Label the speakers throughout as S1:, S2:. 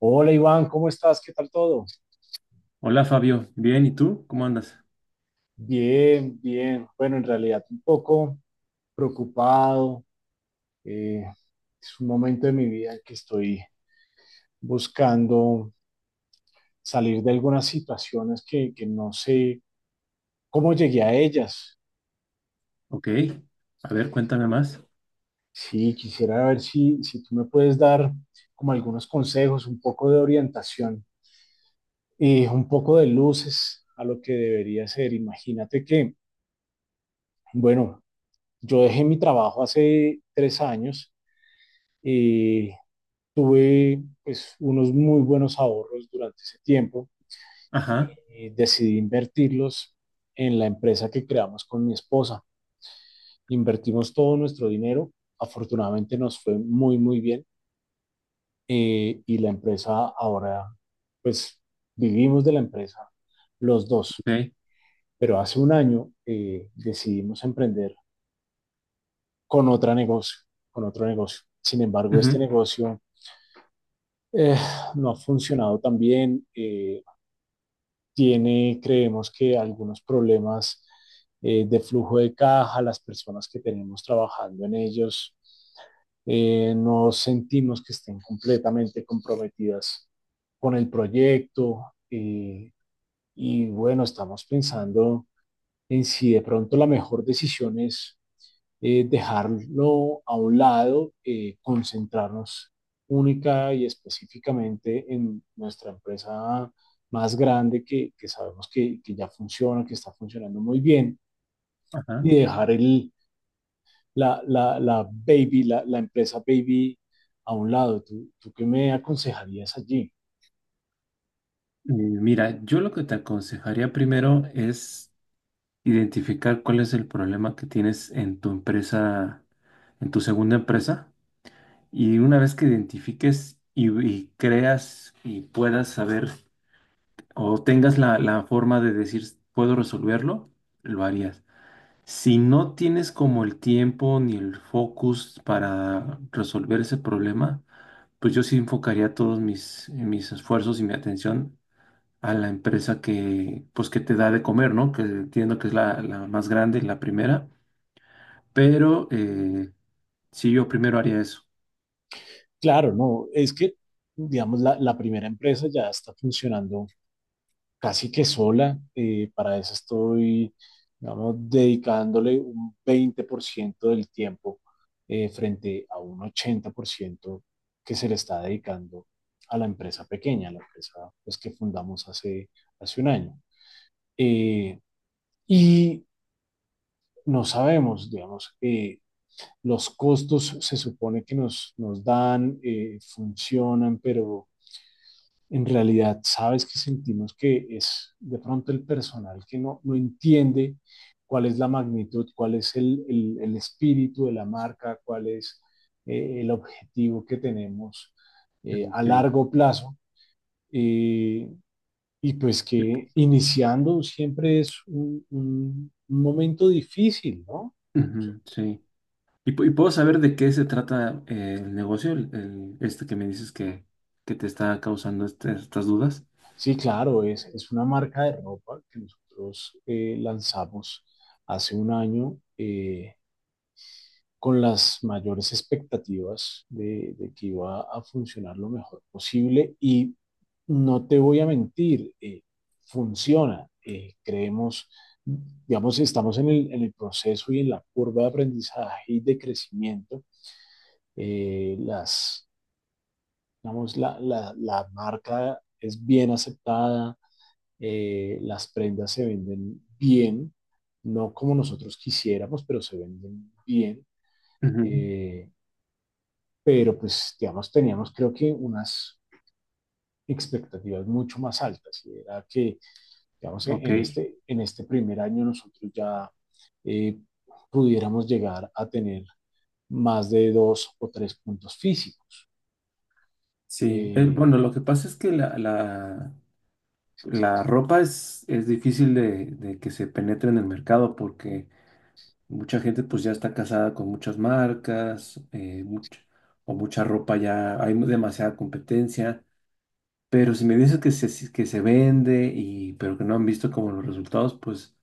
S1: Hola Iván, ¿cómo estás? ¿Qué tal todo?
S2: Hola Fabio, bien, ¿y tú? ¿Cómo andas?
S1: Bien, bien. Bueno, en realidad un poco preocupado. eh, es un momento de mi vida en que estoy buscando salir de algunas situaciones que no sé cómo llegué a ellas.
S2: Ok, a ver, cuéntame más.
S1: Sí, quisiera ver si tú me puedes dar como algunos consejos, un poco de orientación y un poco de luces a lo que debería ser. Imagínate que, bueno, yo dejé mi trabajo hace 3 años. Eh, Tuve pues, unos muy buenos ahorros durante ese tiempo
S2: Ajá,
S1: y decidí invertirlos en la empresa que creamos con mi esposa. Invertimos todo nuestro dinero, afortunadamente nos fue muy, muy bien. Y la empresa ahora, pues vivimos de la empresa los dos,
S2: ok,
S1: pero hace un año decidimos emprender con otro negocio, con otro negocio. Sin embargo, este
S2: ujú,
S1: negocio eh, no ha funcionado tan bien. Tiene, creemos que algunos problemas de flujo de caja, las personas que tenemos trabajando en ellos, no sentimos que estén completamente comprometidas con el proyecto. Y bueno, estamos pensando en si de pronto la mejor decisión es dejarlo a un lado, concentrarnos única y específicamente en nuestra empresa más grande que sabemos que ya funciona, que está funcionando muy bien,
S2: ajá.
S1: y dejar la baby, empresa baby a un lado. ¿Tú qué me aconsejarías allí?
S2: Mira, yo lo que te aconsejaría primero es identificar cuál es el problema que tienes en tu empresa, en tu segunda empresa, y una vez que identifiques y creas y puedas saber o tengas la forma de decir, puedo resolverlo, lo harías. Si no tienes como el tiempo ni el focus para resolver ese problema, pues yo sí enfocaría todos mis esfuerzos y mi atención a la empresa que, pues que te da de comer, ¿no? Que entiendo que es la más grande, la primera, pero sí, yo primero haría eso.
S1: Claro, no, es que, digamos, la primera empresa ya está funcionando casi que sola. Para eso estoy, digamos, dedicándole un 20% del tiempo frente a un 80% que se le está dedicando a la empresa pequeña, a la empresa pues, que fundamos hace un año. Eh, y no sabemos, digamos, los costos se supone que nos dan, funcionan, pero en realidad sabes que sentimos que es de pronto el personal que no entiende cuál es la magnitud, cuál es el espíritu de la marca, cuál es el objetivo que tenemos a
S2: Ok.
S1: largo plazo. eh, y pues
S2: Y, p-
S1: que iniciando siempre es un, un momento difícil, ¿no?
S2: Ujú, sí. Y puedo saber de qué se trata el negocio, este que me dices que te está causando estas dudas.
S1: Sí, claro, es una marca de ropa que nosotros lanzamos hace un año. Con las mayores expectativas de que iba a funcionar lo mejor posible y no te voy a mentir, funciona. Creemos, digamos, estamos en el proceso y en la curva de aprendizaje y de crecimiento. Eh, las, digamos, la marca es bien aceptada, las prendas se venden bien, no como nosotros quisiéramos, pero se venden bien.
S2: Ujú.
S1: Eh, pero pues, digamos, teníamos creo que unas expectativas mucho más altas y era que, digamos,
S2: Ok.
S1: en este primer año nosotros ya eh, pudiéramos llegar a tener más de 2 o 3 puntos físicos.
S2: Sí, bueno,
S1: Eh,
S2: lo que pasa es que la ropa es difícil de que se penetre en el mercado porque mucha gente pues ya está casada con muchas marcas o mucha ropa ya, hay demasiada competencia, pero si me dices que se, si- que se vende y pero que no han visto como los resultados, pues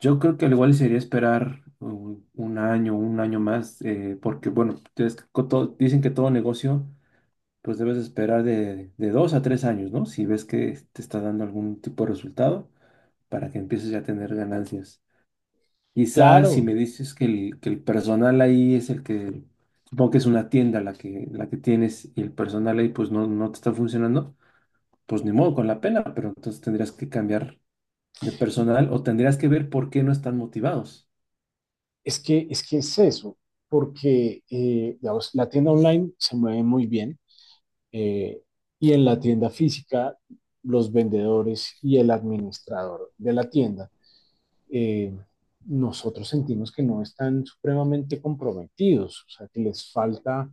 S2: yo creo que al igual sería esperar un, un año más, porque bueno, es que dicen que todo negocio pues debes esperar de 2 a 3 años, ¿no? Si ves que te está dando algún tipo de resultado para que empieces ya a tener ganancias. Quizás si
S1: claro,
S2: me dices que el personal ahí es el que, supongo que es una tienda la que tienes y el personal ahí pues no, no te está funcionando, pues ni modo con la pena, pero entonces tendrías que cambiar de personal o tendrías que ver por qué no están motivados.
S1: es que, es que es eso, porque, digamos, la tienda online se mueve muy bien, eh, y en la tienda física los vendedores y el administrador de la tienda, eh, nosotros sentimos que no están supremamente comprometidos, o sea, que les falta,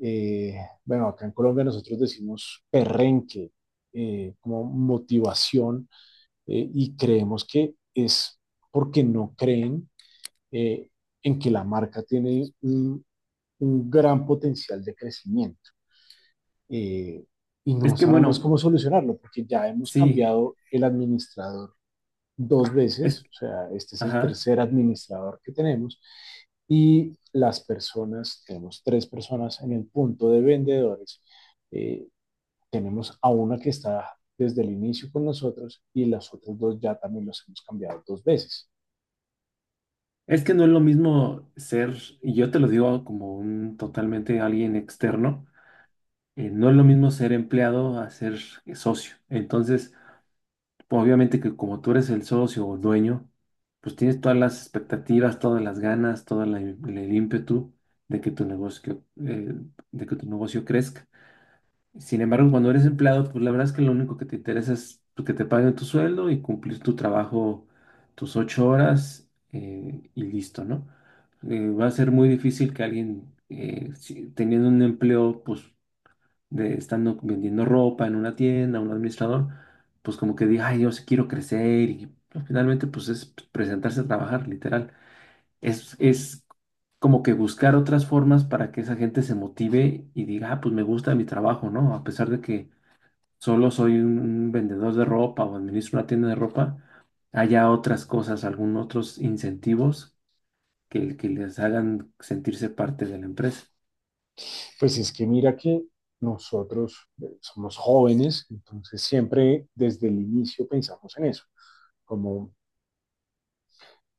S1: eh, bueno, acá en Colombia nosotros decimos perrenque, como motivación, y creemos que es porque no creen eh, en que la marca tiene un gran potencial de crecimiento. Eh, y
S2: Es
S1: no
S2: que
S1: sabemos
S2: bueno,
S1: cómo solucionarlo porque ya hemos
S2: sí,
S1: cambiado el administrador dos
S2: es,
S1: veces, o sea, este es el
S2: ajá.
S1: tercer administrador que tenemos, y las personas, tenemos 3 personas en el punto de vendedores, eh, tenemos a una que está desde el inicio con nosotros y las otras dos ya también los hemos cambiado 2 veces.
S2: Es que no es lo mismo ser, y yo te lo digo como un totalmente alguien externo, no es lo mismo ser empleado a ser socio. Entonces, obviamente que como tú eres el socio o dueño, pues tienes todas las expectativas, todas las ganas, todo el ímpetu de que tu negocio, de que tu negocio crezca. Sin embargo, cuando eres empleado, pues la verdad es que lo único que te interesa es pues, que te paguen tu sueldo y cumplir tu trabajo, tus 8 horas y listo, ¿no? Va a ser muy difícil que alguien, teniendo un empleo, pues de estando vendiendo ropa en una tienda, un administrador, pues como que diga, ay, yo sí quiero crecer y pues, finalmente pues es presentarse a trabajar, literal. Es como que buscar otras formas para que esa gente se motive y diga, ah, pues me gusta mi trabajo, ¿no? A pesar de que solo soy un vendedor de ropa o administro una tienda de ropa, haya otras cosas, algún otros incentivos que les hagan sentirse parte de la empresa.
S1: Pues es que mira que nosotros somos jóvenes, entonces siempre desde el inicio pensamos en eso, como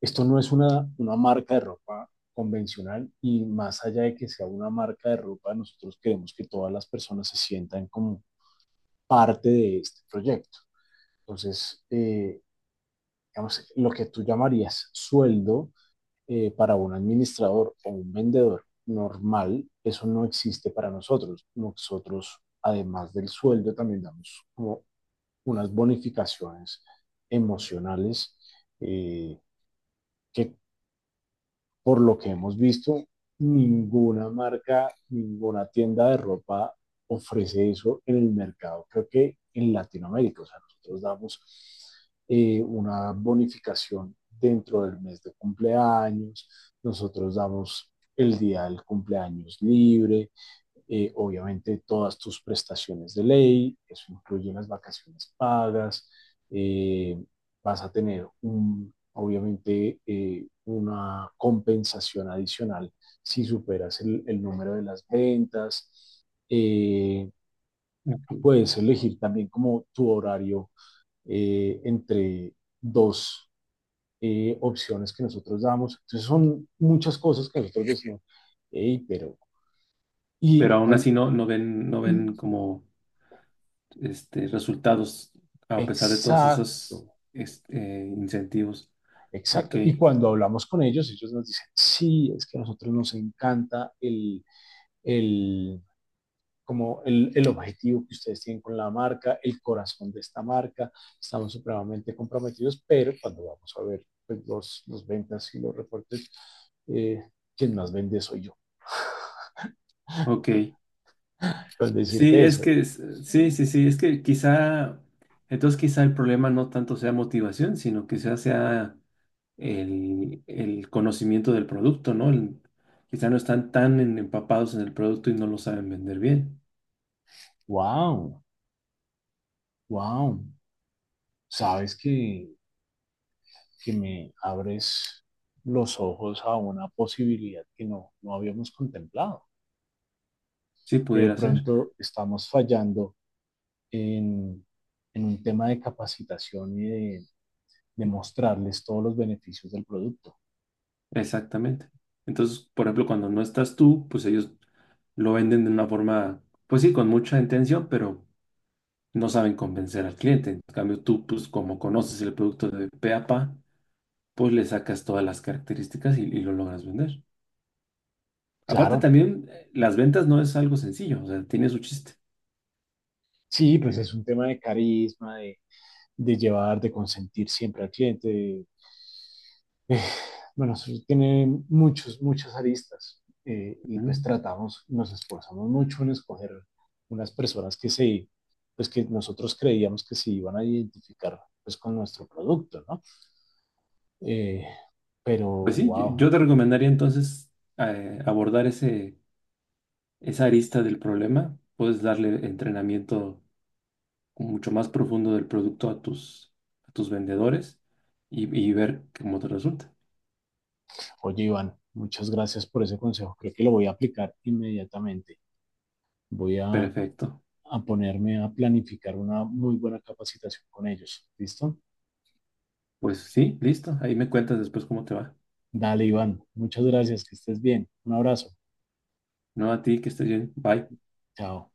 S1: esto no es una marca de ropa convencional y más allá de que sea una marca de ropa, nosotros queremos que todas las personas se sientan como parte de este proyecto. Entonces, digamos, lo que tú llamarías sueldo para un administrador o un vendedor normal, eso no existe para nosotros. Nosotros, además del sueldo, también damos como unas bonificaciones emocionales eh, que por lo que hemos visto, ninguna marca, ninguna tienda de ropa ofrece eso en el mercado, creo que en Latinoamérica. O sea, nosotros damos una bonificación dentro del mes de cumpleaños, nosotros damos el día del cumpleaños libre, obviamente todas tus prestaciones de ley, eso incluye las vacaciones pagas, eh, vas a tener un, obviamente una compensación adicional si superas el número de las ventas.
S2: Ok.
S1: Puedes elegir también como tu horario entre dos opciones que nosotros damos. Entonces son muchas cosas que nosotros decimos, hey, pero...
S2: Pero
S1: Y
S2: aún así
S1: cuando,
S2: no, no ven, no ven como resultados a pesar de todos
S1: exacto,
S2: esos este, incentivos. Ok,
S1: exacto. Y cuando hablamos con ellos, ellos nos dicen, sí, es que a nosotros nos encanta el, como el objetivo que ustedes tienen con la marca, el corazón de esta marca, estamos supremamente comprometidos, pero cuando vamos a ver pues, los ventas y los reportes, eh, quien más vende soy yo.
S2: ok.
S1: Pues
S2: Sí,
S1: decirte
S2: es
S1: eso,
S2: que, sí, sí, sí, es que quizá, entonces quizá el problema no tanto sea motivación, sino quizá sea el conocimiento del producto, ¿no? El quizá no están tan empapados en el producto y no lo saben vender bien.
S1: wow, wow, sabes que me abres los ojos a una posibilidad que no habíamos contemplado,
S2: Sí,
S1: que de
S2: pudiera ser,
S1: pronto estamos fallando en, en un tema de capacitación de mostrarles todos los beneficios del producto.
S2: exactamente. Entonces, por ejemplo, cuando no estás tú, pues ellos lo venden de una forma, pues sí, con mucha intención, pero no saben convencer al cliente. En cambio, tú, pues como conoces el producto de pe a pa, pues le sacas todas las características y lo logras vender. Aparte,
S1: Claro,
S2: también las ventas no es algo sencillo, o sea, tiene su chiste.
S1: sí, pues es un tema de carisma, de llevar, de consentir siempre al cliente, de, bueno, sí, tiene muchos, muchas aristas y pues
S2: ¿No?
S1: tratamos, nos esforzamos mucho en escoger unas personas pues que nosotros creíamos que se iban a identificar pues con nuestro producto, ¿no? Eh, pero,
S2: Pues sí, yo
S1: wow,
S2: yo te recomendaría entonces abordar esa arista del problema. Puedes darle entrenamiento mucho más profundo del producto a tus vendedores y ver cómo te resulta.
S1: oye Iván, muchas gracias por ese consejo, creo que lo voy a aplicar inmediatamente, voy
S2: Perfecto.
S1: a ponerme a planificar una muy buena capacitación con ellos, ¿listo?
S2: Pues sí, listo. Ahí me cuentas después cómo te va.
S1: Dale Iván, muchas gracias, que estés bien, un abrazo,
S2: No a ti, que estés bien. Bye.
S1: chao.